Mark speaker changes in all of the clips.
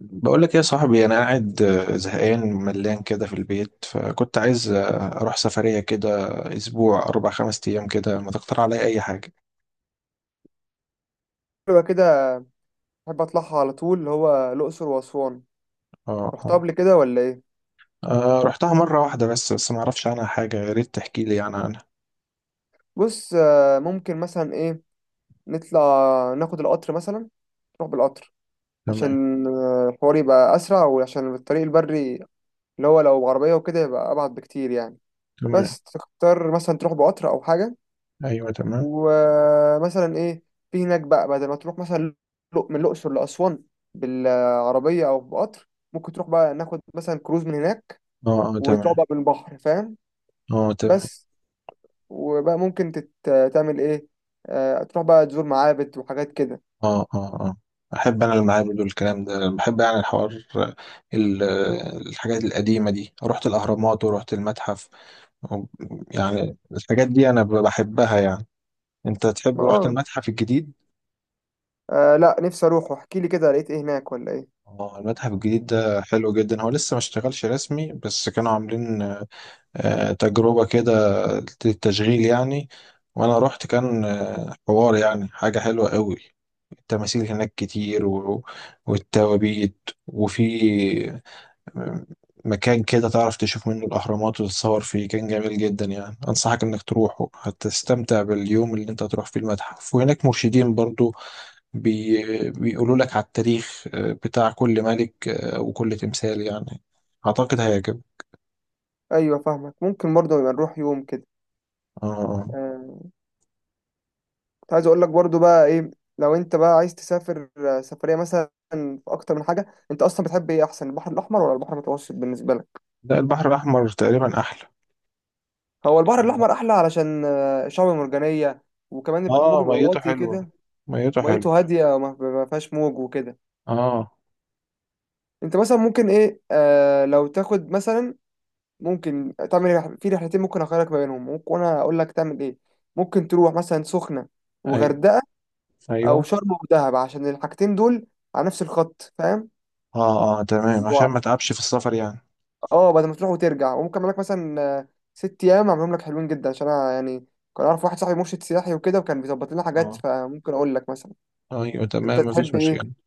Speaker 1: بقول لك إيه يا صاحبي، انا قاعد زهقان ملان كده في البيت، فكنت عايز اروح سفرية كده اسبوع اربع خمس ايام كده. ما تقترح عليا اي حاجة؟
Speaker 2: حلوة كده. أحب أطلعها على طول اللي هو الأقصر وأسوان.
Speaker 1: اه،
Speaker 2: رحتها
Speaker 1: اه.
Speaker 2: قبل كده ولا إيه؟
Speaker 1: رحتها مرة واحدة بس ما اعرفش عنها حاجة. يا ريت تحكي لي يعني عنها.
Speaker 2: بص، ممكن مثلا إيه، نطلع، ناخد القطر مثلا، نروح بالقطر
Speaker 1: تمام.
Speaker 2: عشان الحوار يبقى أسرع، وعشان الطريق البري اللي هو لو عربية وكده يبقى أبعد بكتير يعني.
Speaker 1: تمام.
Speaker 2: بس تختار مثلا تروح بقطر أو حاجة،
Speaker 1: ايوه، تمام.
Speaker 2: ومثلا إيه في هناك بقى، بدل ما تروح مثلا من الأقصر لأسوان بالعربية أو بقطر، ممكن تروح بقى ناخد مثلا كروز من هناك،
Speaker 1: اه، اه
Speaker 2: وتروح
Speaker 1: تمام.
Speaker 2: بقى بالبحر، فاهم؟
Speaker 1: اه تمام.
Speaker 2: بس. وبقى ممكن تعمل ايه، تروح بقى تزور معابد وحاجات كده.
Speaker 1: اه، اه، اه. احب انا المعابد والكلام ده، بحب يعني الحوار. الحاجات القديمة دي، رحت الاهرامات ورحت المتحف و- يعني الحاجات دي انا بحبها يعني. انت تحب؟
Speaker 2: ما
Speaker 1: رحت المتحف الجديد؟
Speaker 2: لا، نفسي اروح، احكي لي كده لقيت ايه هناك ولا ايه.
Speaker 1: اه، المتحف الجديد ده حلو جدا. هو لسه ما اشتغلش رسمي، بس كانوا عاملين تجربة كده للتشغيل يعني. وانا رحت، كان حوار يعني، حاجة حلوة قوي. التماثيل هناك كتير والتوابيت، وفي آه، مكان كده تعرف تشوف منه الأهرامات وتتصور فيه، كان جميل جدا يعني. أنصحك إنك تروحه، هتستمتع باليوم اللي أنت هتروح فيه المتحف. وهناك مرشدين برضو بيقولوا لك على التاريخ بتاع كل ملك وكل تمثال يعني. أعتقد هيعجبك.
Speaker 2: ايوه فاهمك، ممكن برضه نبقى نروح يوم كده.
Speaker 1: آه، آه.
Speaker 2: آه، كنت عايز اقول لك برضه بقى ايه، لو انت بقى عايز تسافر سفريه مثلا في اكتر من حاجه، انت اصلا بتحب ايه احسن، البحر الاحمر ولا البحر المتوسط بالنسبه لك؟
Speaker 1: لا، البحر الأحمر تقريبا أحلى.
Speaker 2: هو البحر الاحمر احلى علشان شعب مرجانيه، وكمان الموج
Speaker 1: آه،
Speaker 2: بيبقى
Speaker 1: ميته
Speaker 2: واطي
Speaker 1: حلوة،
Speaker 2: كده.
Speaker 1: ميته
Speaker 2: وميته
Speaker 1: حلوة.
Speaker 2: هاديه، وما ما فيهاش موج وكده.
Speaker 1: آه،
Speaker 2: انت مثلا ممكن ايه، آه لو تاخد مثلا، ممكن تعمل في رحلتين ممكن اخيرك ما بينهم، ممكن وانا اقول لك تعمل ايه. ممكن تروح مثلا سخنة
Speaker 1: أيوه،
Speaker 2: وغردقة، او
Speaker 1: أيوه.
Speaker 2: شرم ودهب، عشان الحاجتين دول على نفس الخط فاهم.
Speaker 1: آه، آه تمام، عشان
Speaker 2: و-
Speaker 1: ما تعبش في السفر يعني.
Speaker 2: اه، بدل ما تروح وترجع، وممكن اعمل لك مثلا 6 ايام اعملهم لك حلوين جدا، عشان انا يعني كان اعرف واحد صاحبي مرشد سياحي وكده، وكان بيظبط لنا حاجات،
Speaker 1: آه،
Speaker 2: فممكن اقول لك مثلا.
Speaker 1: أيوه
Speaker 2: انت
Speaker 1: تمام، مفيش
Speaker 2: تحب
Speaker 1: مشكلة.
Speaker 2: ايه؟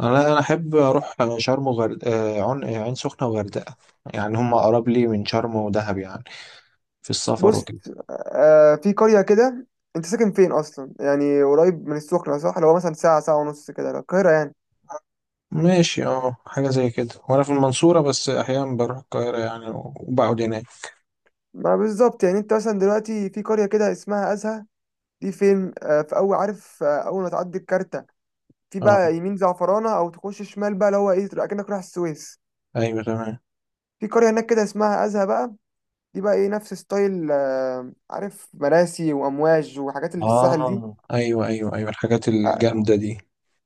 Speaker 1: أنا أحب أروح شرم عين سخنة وغردقة، يعني هم أقرب لي من شرم ودهب يعني في السفر
Speaker 2: بص،
Speaker 1: وكده.
Speaker 2: في قرية كده. انت ساكن فين اصلا؟ يعني قريب من السخنة صح؟ اللي هو مثلا ساعة، ساعة ونص كده لو القاهرة يعني.
Speaker 1: ماشي، اه، حاجة زي كده. وانا في المنصورة، بس احيانا بروح القاهرة يعني وبقعد هناك.
Speaker 2: ما بالظبط، يعني انت مثلا دلوقتي في قرية كده اسمها أزهى، دي فين؟ في أول، عارف، أول ما تعدي الكارتة، في
Speaker 1: اه،
Speaker 2: بقى يمين زعفرانة أو تخش شمال بقى، اللي هو إيه، تبقى كأنك رايح السويس.
Speaker 1: ايوه تمام.
Speaker 2: في قرية هناك كده اسمها أزهى بقى، دي بقى إيه، نفس ستايل عارف، مراسي وأمواج وحاجات اللي في الساحل دي.
Speaker 1: اه، ايوه، ايوه، ايوه، الحاجات
Speaker 2: آه،
Speaker 1: الجامدة دي.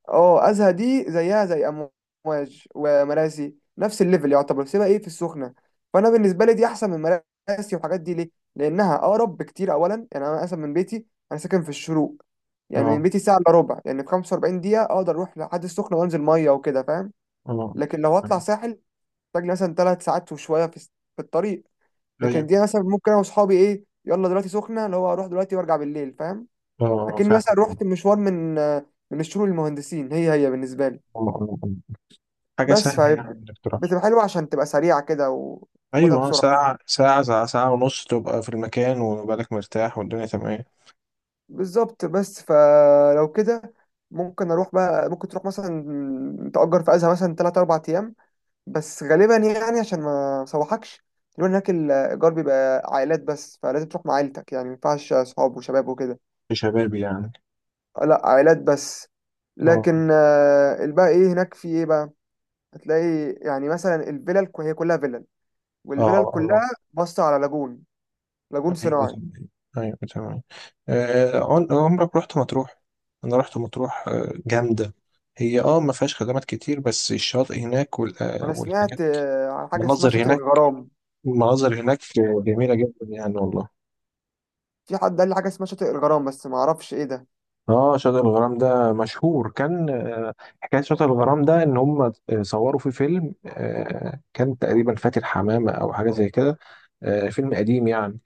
Speaker 2: اه ازهى دي زيها زي امواج ومراسي، نفس الليفل يعتبر. سيبها ايه في السخنه، فانا بالنسبه لي دي احسن من مراسي والحاجات دي، ليه؟ لانها اقرب بكتير اولا، يعني انا مثلا من بيتي، انا ساكن في الشروق، يعني من
Speaker 1: اه،
Speaker 2: بيتي ساعه الا ربع، يعني في 45 دقيقه اقدر اروح لحد السخنه وانزل ميه وكده، فاهم.
Speaker 1: اه،
Speaker 2: لكن لو هطلع ساحل محتاج لي مثلا 3 ساعات وشويه في الطريق.
Speaker 1: ايوه،
Speaker 2: لكن دي مثلا ممكن انا واصحابي ايه، يلا دلوقتي سخنه، اللي هو اروح دلوقتي وارجع بالليل، فاهم.
Speaker 1: اه
Speaker 2: اكني مثلا
Speaker 1: فعلا. آه،
Speaker 2: رحت مشوار من الشروق للمهندسين، هي هي بالنسبه لي.
Speaker 1: آه. حاجة
Speaker 2: بس،
Speaker 1: سهلة يعني انك تروح.
Speaker 2: فبتبقى حلوة عشان تبقى سريعة كده وتاخدها
Speaker 1: ايوه،
Speaker 2: بسرعة.
Speaker 1: ساعة، ساعة ونص، تبقى في المكان وبالك مرتاح والدنيا تمام.
Speaker 2: بالظبط. بس فلو كده ممكن اروح بقى، ممكن تروح مثلا تأجر في ازها مثلا 3 4 ايام. بس غالبا يعني عشان ما سوحكش، لو هناك الايجار بيبقى عائلات بس، فلازم تروح مع عيلتك يعني، ما ينفعش صحاب وشباب وكده.
Speaker 1: في شبابي يعني.
Speaker 2: لا عائلات بس.
Speaker 1: اه،
Speaker 2: لكن الباقي ايه هناك، في ايه بقى؟ هتلاقي يعني مثلا الفيلل هي كلها فيلل، والفيلل
Speaker 1: اه، اه.
Speaker 2: كلها باصة على لاجون، لاجون
Speaker 1: ايوه،
Speaker 2: صناعي.
Speaker 1: تمام. ايوه، تمام. عمرك رحت مطروح؟ انا رحت مطروح، جامده. هي ما فيهاش خدمات كتير، بس الشاطئ هناك
Speaker 2: انا
Speaker 1: والحاجات،
Speaker 2: سمعت عن حاجه اسمها
Speaker 1: المناظر
Speaker 2: شاطئ
Speaker 1: هناك
Speaker 2: الغرام.
Speaker 1: المناظر هناك جميله جدا يعني، والله.
Speaker 2: في حد قال لي حاجه اسمها شاطئ الغرام بس ما اعرفش ايه ده.
Speaker 1: اه، شاطئ الغرام ده مشهور. كان حكايه شاطئ الغرام ده ان هم صوروا فيه فيلم كان تقريبا فاتن حمامه او حاجه زي كده. فيلم قديم يعني.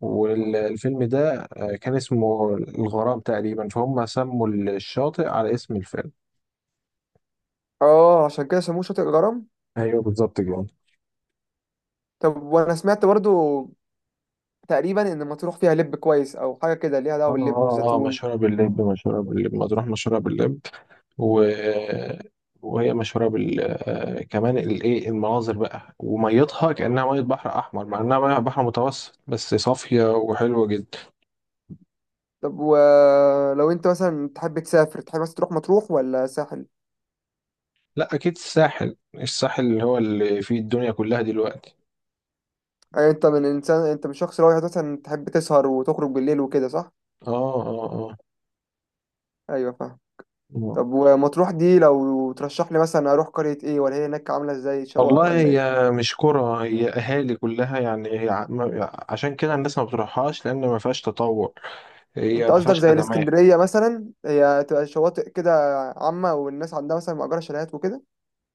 Speaker 1: والفيلم ده كان اسمه الغرام تقريبا، فهم سموا الشاطئ على اسم الفيلم.
Speaker 2: اه عشان كده سموه شاطئ الغرام.
Speaker 1: ايوه، بالظبط كده.
Speaker 2: طب وانا سمعت برضو تقريبا ان مطروح فيها لب كويس او حاجه كده، ليها
Speaker 1: اه،
Speaker 2: دعوه باللب
Speaker 1: اه، اه،
Speaker 2: والزيتون.
Speaker 1: مشهورة باللب، مشهورة باللب، مطروح مشهورة باللب. و... وهي مشهورة بال آه، كمان المناظر بقى، وميتها كأنها مية بحر أحمر مع إنها مية بحر متوسط، بس صافية وحلوة جدا.
Speaker 2: طب ولو انت مثلا تحب تسافر، تحب مثلا تروح مطروح ولا ساحل؟
Speaker 1: لا، أكيد الساحل اللي هو اللي فيه الدنيا كلها دلوقتي.
Speaker 2: أيوة. انت من انسان، انت من شخص رايح مثلا تحب تسهر وتخرج بالليل وكده صح؟
Speaker 1: اه، اه،
Speaker 2: ايوه فاهم.
Speaker 1: اه.
Speaker 2: طب ومطروح دي لو ترشح لي مثلا اروح قريه ايه؟ ولا هي هناك عامله ازاي، شقق
Speaker 1: والله
Speaker 2: ولا ايه؟
Speaker 1: هي مش كرة، هي أهالي كلها يعني. هي عشان كده الناس ما بتروحهاش، لأن ما فيهاش تطور، هي
Speaker 2: انت
Speaker 1: ما
Speaker 2: قصدك
Speaker 1: فيهاش
Speaker 2: زي
Speaker 1: خدمات.
Speaker 2: الاسكندريه مثلا، هي تبقى شواطئ كده عامه والناس عندها مثلا مأجره شاليهات وكده،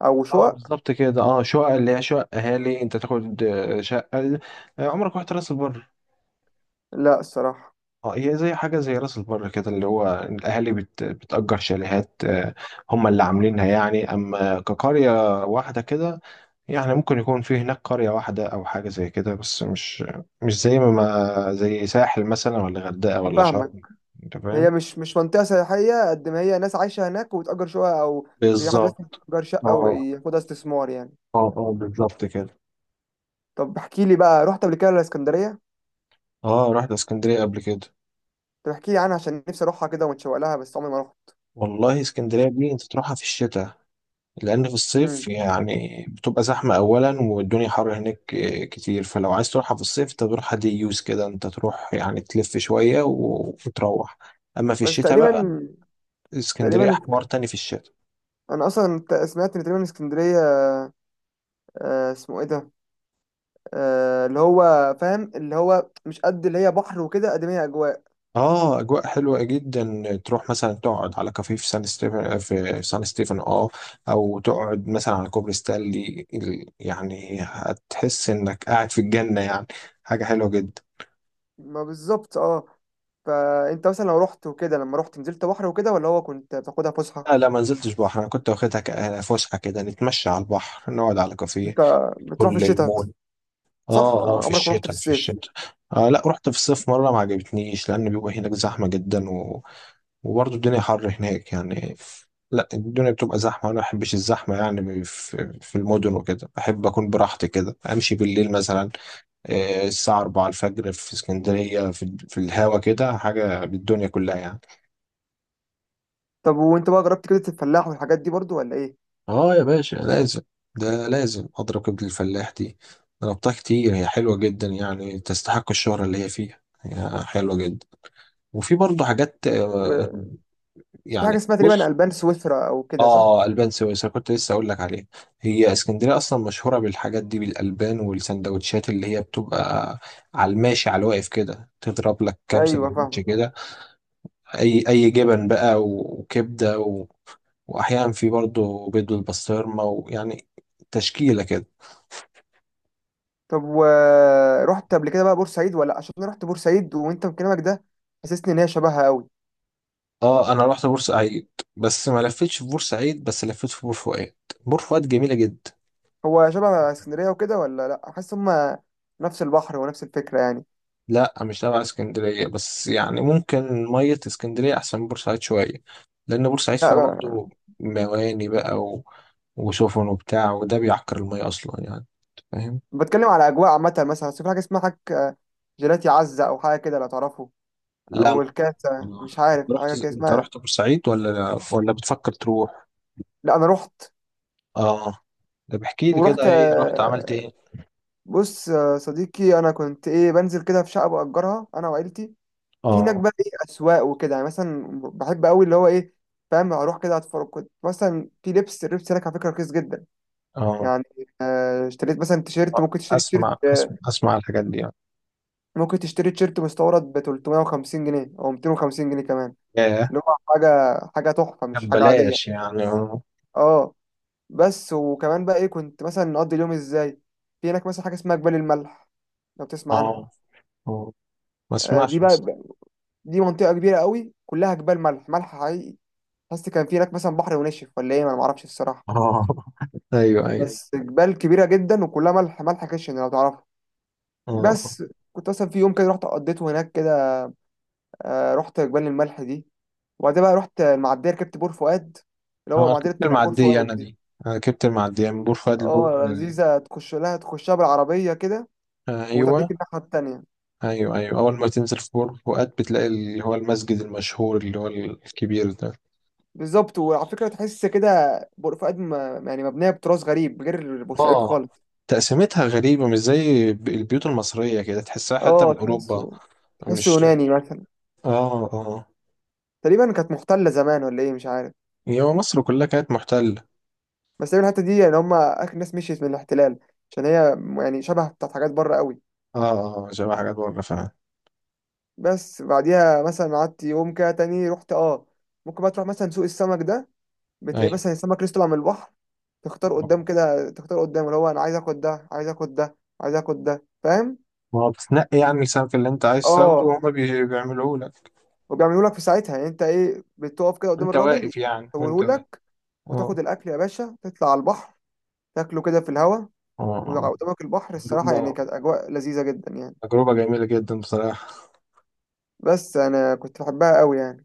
Speaker 2: او
Speaker 1: اه،
Speaker 2: شقق.
Speaker 1: بالظبط كده. اه، شقق اللي هي شقق أهالي، أنت تاخد شقة. عمرك رحت راس البر؟
Speaker 2: لا الصراحه.
Speaker 1: اه، هي زي حاجة زي راس البر كده، اللي هو الأهالي بتأجر شاليهات هم اللي عاملينها يعني، أما كقرية واحدة كده، يعني ممكن يكون في هناك قرية واحدة أو حاجة زي كده، بس مش زي زي ساحل مثلا ولا غردقة ولا
Speaker 2: فاهمك.
Speaker 1: شرم. أنت
Speaker 2: هي
Speaker 1: فاهم؟
Speaker 2: مش منطقه سياحيه قد ما هي ناس عايشه هناك وبتأجر شقق، او في حد مثلا
Speaker 1: بالظبط.
Speaker 2: يأجر شقه
Speaker 1: اه،
Speaker 2: وياخدها استثمار يعني.
Speaker 1: اه، اه، بالظبط كده.
Speaker 2: طب احكي لي بقى، رحت قبل كده الاسكندريه؟
Speaker 1: اه، رحت اسكندرية قبل كده.
Speaker 2: طب احكي لي عنها عشان نفسي اروحها كده ومتشوق لها، بس عمري ما رحت.
Speaker 1: والله اسكندرية دي، أنت تروحها في الشتاء، لأن في الصيف
Speaker 2: امم.
Speaker 1: يعني بتبقى زحمة أولا، والدنيا حر هناك كتير. فلو عايز تروحها في الصيف، أنت تروحها دي يوز كده، أنت تروح يعني تلف شوية وتروح. أما في
Speaker 2: بس
Speaker 1: الشتاء
Speaker 2: تقريبا،
Speaker 1: بقى، اسكندرية
Speaker 2: تقريبا
Speaker 1: حوار تاني في الشتاء.
Speaker 2: انا اصلا سمعت ان تقريبا اسكندريه، اسمه ايه ده، اللي هو فاهم، اللي هو مش قد اللي هي بحر وكده قد ما هي اجواء.
Speaker 1: اه، اجواء حلوه جدا. تروح مثلا تقعد على كافيه في سان ستيفن، اه. او تقعد مثلا على كوبري ستانلي يعني هتحس انك قاعد في الجنه يعني، حاجه حلوه جدا.
Speaker 2: ما بالظبط اه. فانت مثلا لو رحت وكده، لما رحت نزلت بحر وكده ولا هو كنت بتاخدها فسحه؟
Speaker 1: لا، لا، ما نزلتش بحر، انا كنت واخدها فسحه كده، نتمشى على البحر، نقعد على
Speaker 2: انت
Speaker 1: كافيه،
Speaker 2: بتروح في
Speaker 1: كل
Speaker 2: الشتاء
Speaker 1: المول.
Speaker 2: صح؟
Speaker 1: اه، اه، في
Speaker 2: عمرك ما رحت في
Speaker 1: الشتاء، في
Speaker 2: الصيف؟
Speaker 1: الشتاء. آه لا، رحت في الصيف مره ما عجبتنيش، لان بيبقى هناك زحمه جدا، وبرضه الدنيا حر هناك يعني. لا، الدنيا بتبقى زحمة، وأنا ما بحبش الزحمة يعني في المدن وكده. بحب أكون براحتي كده، أمشي بالليل مثلا الساعة 4 الفجر في اسكندرية، في الهوا كده حاجة بالدنيا كلها يعني.
Speaker 2: طب وانت بقى جربت كده الفلاح والحاجات دي برضو ولا ايه؟
Speaker 1: اه، يا باشا، لازم. ده لازم أضرب كبد الفلاح دي. ضربتها كتير، هي حلوة جدا يعني، تستحق الشهرة اللي هي فيها، هي حلوة جدا. وفي برضه حاجات
Speaker 2: و... في حاجه
Speaker 1: يعني
Speaker 2: اسمها تقريبا
Speaker 1: بص،
Speaker 2: البان سويسرا او كده صح؟
Speaker 1: اه، البان سويسرا، كنت لسه اقول لك عليها. هي اسكندريه اصلا مشهوره بالحاجات دي، بالالبان والسندوتشات اللي هي بتبقى على الماشي على الواقف كده، تضرب لك كام
Speaker 2: ايوه
Speaker 1: سندوتش
Speaker 2: فاهم.
Speaker 1: كده، اي جبن بقى وكبده واحيانا في برضه بيض بالبسطرمه، ويعني تشكيله كده.
Speaker 2: طب ورحت قبل كده بقى بورسعيد؟ ولا، عشان انا رحت بورسعيد وانت من كلامك ده حسسني ان هي شبهها قوي.
Speaker 1: اه، انا رحت بورسعيد، بس ما لفتش في بورسعيد، بس لفيت في بور فؤاد. بور فؤاد جميله جدا.
Speaker 2: هو شبه اسكندرية وكده ولا لأ؟ حاسس هما نفس البحر ونفس الفكرة يعني.
Speaker 1: لا، مش تبع اسكندرية، بس يعني ممكن مية اسكندرية أحسن من بورسعيد شوية، لأن بورسعيد
Speaker 2: لأ
Speaker 1: فيها برضو مواني بقى وسفن وبتاع، وده بيعكر المية أصلا يعني. فاهم؟
Speaker 2: بتكلم على أجواء عامة مثلا، بس في حاجة اسمها حاجة جيلاتي عزة أو حاجة كده لو تعرفه،
Speaker 1: لا،
Speaker 2: أو الكاسة،
Speaker 1: ما
Speaker 2: مش
Speaker 1: أنت
Speaker 2: عارف
Speaker 1: رحت
Speaker 2: حاجة كده
Speaker 1: أنت
Speaker 2: اسمها.
Speaker 1: رحت بورسعيد، ولا بتفكر تروح؟
Speaker 2: لأ أنا رحت.
Speaker 1: آه. طب احكي لي كده،
Speaker 2: ورحت
Speaker 1: إيه رحت عملت إيه؟
Speaker 2: بص، صديقي، أنا كنت إيه بنزل كده في شقة بأجرها أنا وعيلتي، في هناك
Speaker 1: آه،
Speaker 2: بقى إيه أسواق وكده يعني. مثلا بحب أوي اللي هو إيه فاهم، أروح كده أتفرج. كنت مثلا في لبس، اللبس هناك على فكرة رخيص جدا
Speaker 1: آه.
Speaker 2: يعني. اشتريت مثلا تيشيرت، ممكن تشتري تيشيرت
Speaker 1: أسمع، أسمع، أسمع الحاجات دي يعني.
Speaker 2: ممكن تشتري تيشيرت مستورد ب 350 جنيه او 250 جنيه كمان.
Speaker 1: ياه.
Speaker 2: اللي هو حاجه حاجه تحفه،
Speaker 1: طب
Speaker 2: مش حاجه عاديه.
Speaker 1: بلاش يعني، آه.
Speaker 2: اه. بس وكمان بقى ايه كنت مثلا نقضي اليوم ازاي؟ في هناك مثلا حاجه اسمها جبال الملح، لو تسمع عنها.
Speaker 1: آه، آه. ما
Speaker 2: دي
Speaker 1: أسمعش
Speaker 2: بقى،
Speaker 1: بس.
Speaker 2: دي منطقه كبيره قوي، كلها جبال ملح، ملح حقيقي. حاسس كان في هناك مثلا بحر ونشف ولا ايه، ما انا معرفش الصراحه.
Speaker 1: آه. أيوه، أيوه.
Speaker 2: بس جبال كبيره جدا وكلها ملح، ملح خشن، لو تعرفها.
Speaker 1: آه، آه.
Speaker 2: بس. كنت مثلا في يوم كده رحت قضيته هناك كده. رحت جبال الملح دي. وبعدين بقى رحت المعديه، ركبت بور فؤاد، اللي هو
Speaker 1: انا
Speaker 2: معديه
Speaker 1: ركبت
Speaker 2: اللي بتيجي على بور
Speaker 1: المعدية انا
Speaker 2: فؤاد دي.
Speaker 1: دي، انا ركبت المعدية من بور فؤاد لبور
Speaker 2: اه لذيذه، تخش لها، تخشها بالعربيه كده
Speaker 1: ايوه،
Speaker 2: وتديك الناحيه التانيه.
Speaker 1: ايوه، ايوه. اول ما تنزل في بور فؤاد، بتلاقي اللي هو المسجد المشهور، اللي هو الكبير ده.
Speaker 2: بالظبط. وعلى فكره تحس كده بور فؤاد يعني مبنيه بتراث غريب، غير بورسعيد
Speaker 1: اه،
Speaker 2: خالص.
Speaker 1: تقسيمتها غريبة، مش زي البيوت المصرية، كده تحسها حتى من
Speaker 2: اه
Speaker 1: اوروبا.
Speaker 2: تحسه
Speaker 1: مش،
Speaker 2: يوناني مثلا.
Speaker 1: اه، اه،
Speaker 2: تقريبا كانت محتله زمان ولا ايه، مش عارف.
Speaker 1: هي مصر كلها كانت محتلة.
Speaker 2: بس تقريبا الحته دي يعني هم اخر ناس مشيت من الاحتلال، عشان هي يعني شبه بتاعت حاجات بره قوي.
Speaker 1: اه، اه، شبه حاجات بره فعلا.
Speaker 2: بس بعديها مثلا قعدت يوم كده تاني، رحت اه ممكن بقى تروح مثلا سوق السمك ده، بتلاقي
Speaker 1: ايوه.
Speaker 2: مثلا السمك لسه طالع من البحر، تختار قدام كده، تختار قدام اللي هو انا عايز اخد ده، عايز اخد ده، عايز اخد ده، فاهم.
Speaker 1: ما هو بتنقي يعني السمك اللي انت عايز تاخده،
Speaker 2: اه.
Speaker 1: وهما بيعملوه لك
Speaker 2: وبيعملوا لك في ساعتها، يعني انت ايه بتقف كده قدام
Speaker 1: وانت
Speaker 2: الراجل
Speaker 1: واقف، يعني وانت واقف.
Speaker 2: يسويهولك،
Speaker 1: اه،
Speaker 2: وتاخد الاكل يا باشا، تطلع على البحر، تاكله كده في الهوا
Speaker 1: اه.
Speaker 2: وقدامك البحر. الصراحه يعني
Speaker 1: آه.
Speaker 2: كانت اجواء لذيذه جدا يعني.
Speaker 1: تجربة جميلة جدا بصراحة.
Speaker 2: بس انا كنت بحبها قوي يعني.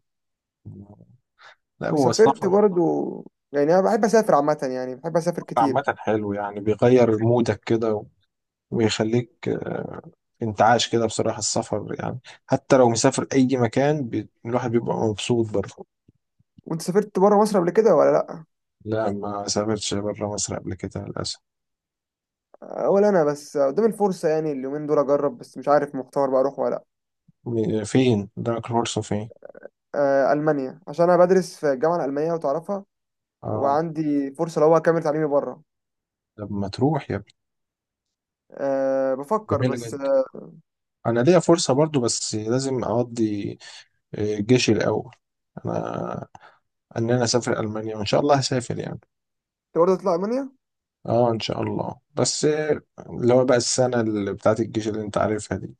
Speaker 1: لا، هو
Speaker 2: وسافرت
Speaker 1: السفر
Speaker 2: برضو، يعني انا بحب اسافر عامه، يعني بحب اسافر كتير.
Speaker 1: عامة حلو يعني، بيغير مودك كده ويخليك انتعاش كده بصراحة، السفر يعني حتى لو مسافر أي مكان الواحد بيبقى مبسوط برضه.
Speaker 2: وانت سافرت بره مصر قبل كده ولا لا؟
Speaker 1: لا، ما سافرتش برا مصر قبل كده للأسف.
Speaker 2: ولا انا بس قدام الفرصه يعني اليومين دول اجرب، بس مش عارف مختار بقى اروح ولا لا.
Speaker 1: فين؟ دارك الفرصة فين؟
Speaker 2: المانيا، عشان انا بدرس في الجامعه الالمانيه وتعرفها،
Speaker 1: اه.
Speaker 2: وعندي فرصه لو هو اكمل تعليمي بره.
Speaker 1: طب ما تروح يا ابني،
Speaker 2: أه بفكر،
Speaker 1: جميلة
Speaker 2: بس
Speaker 1: جدا. أنا ليا فرصة برضه، بس لازم أقضي جيشي الأول، أنا إن أنا أسافر ألمانيا، وإن شاء الله هسافر يعني.
Speaker 2: انت برضه تطلع المانيا؟
Speaker 1: اه، ان شاء الله، بس اللي هو بقى السنه اللي بتاعت الجيش اللي انت عارفها دي.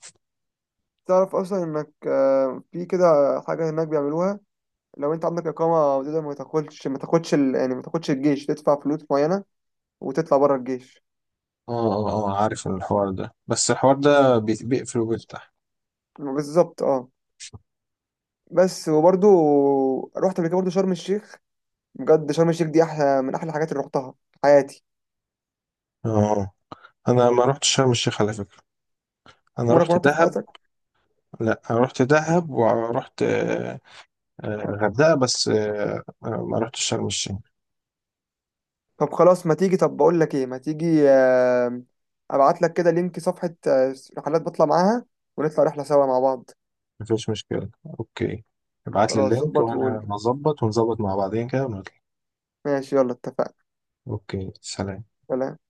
Speaker 2: تعرف اصلا انك في كده حاجه هناك بيعملوها، لو انت عندك اقامه تقدر ما تاخدش، يعني ما تاخدش الجيش، تدفع فلوس معينه وتطلع بره الجيش.
Speaker 1: اه، اه، اه، عارف الحوار ده، بس الحوار ده بيقفل وبيفتح.
Speaker 2: بالظبط اه. بس وبرضه رحت قبل كده برضه شرم الشيخ. بجد شرم الشيخ دي احلى من احلى الحاجات اللي رحتها في حياتي.
Speaker 1: اه. انا ما رحتش شرم الشيخ على فكره، انا
Speaker 2: وانا
Speaker 1: رحت
Speaker 2: كنت في
Speaker 1: دهب.
Speaker 2: حياتك.
Speaker 1: لا، انا رحت دهب ورحت غردقه، بس ما رحتش شرم الشيخ.
Speaker 2: طب خلاص ما تيجي، طب بقول لك ايه، ما تيجي ابعت لك كده لينك صفحة رحلات بطلع معاها، ونطلع رحلة سوا مع بعض.
Speaker 1: مفيش مشكله. اوكي. ابعت لي
Speaker 2: خلاص
Speaker 1: اللينك،
Speaker 2: ظبط وقول
Speaker 1: وانا
Speaker 2: لي.
Speaker 1: هظبط ونظبط مع بعضين كده ونطلع.
Speaker 2: ماشي يلا اتفقنا.
Speaker 1: اوكي، سلام.
Speaker 2: سلام.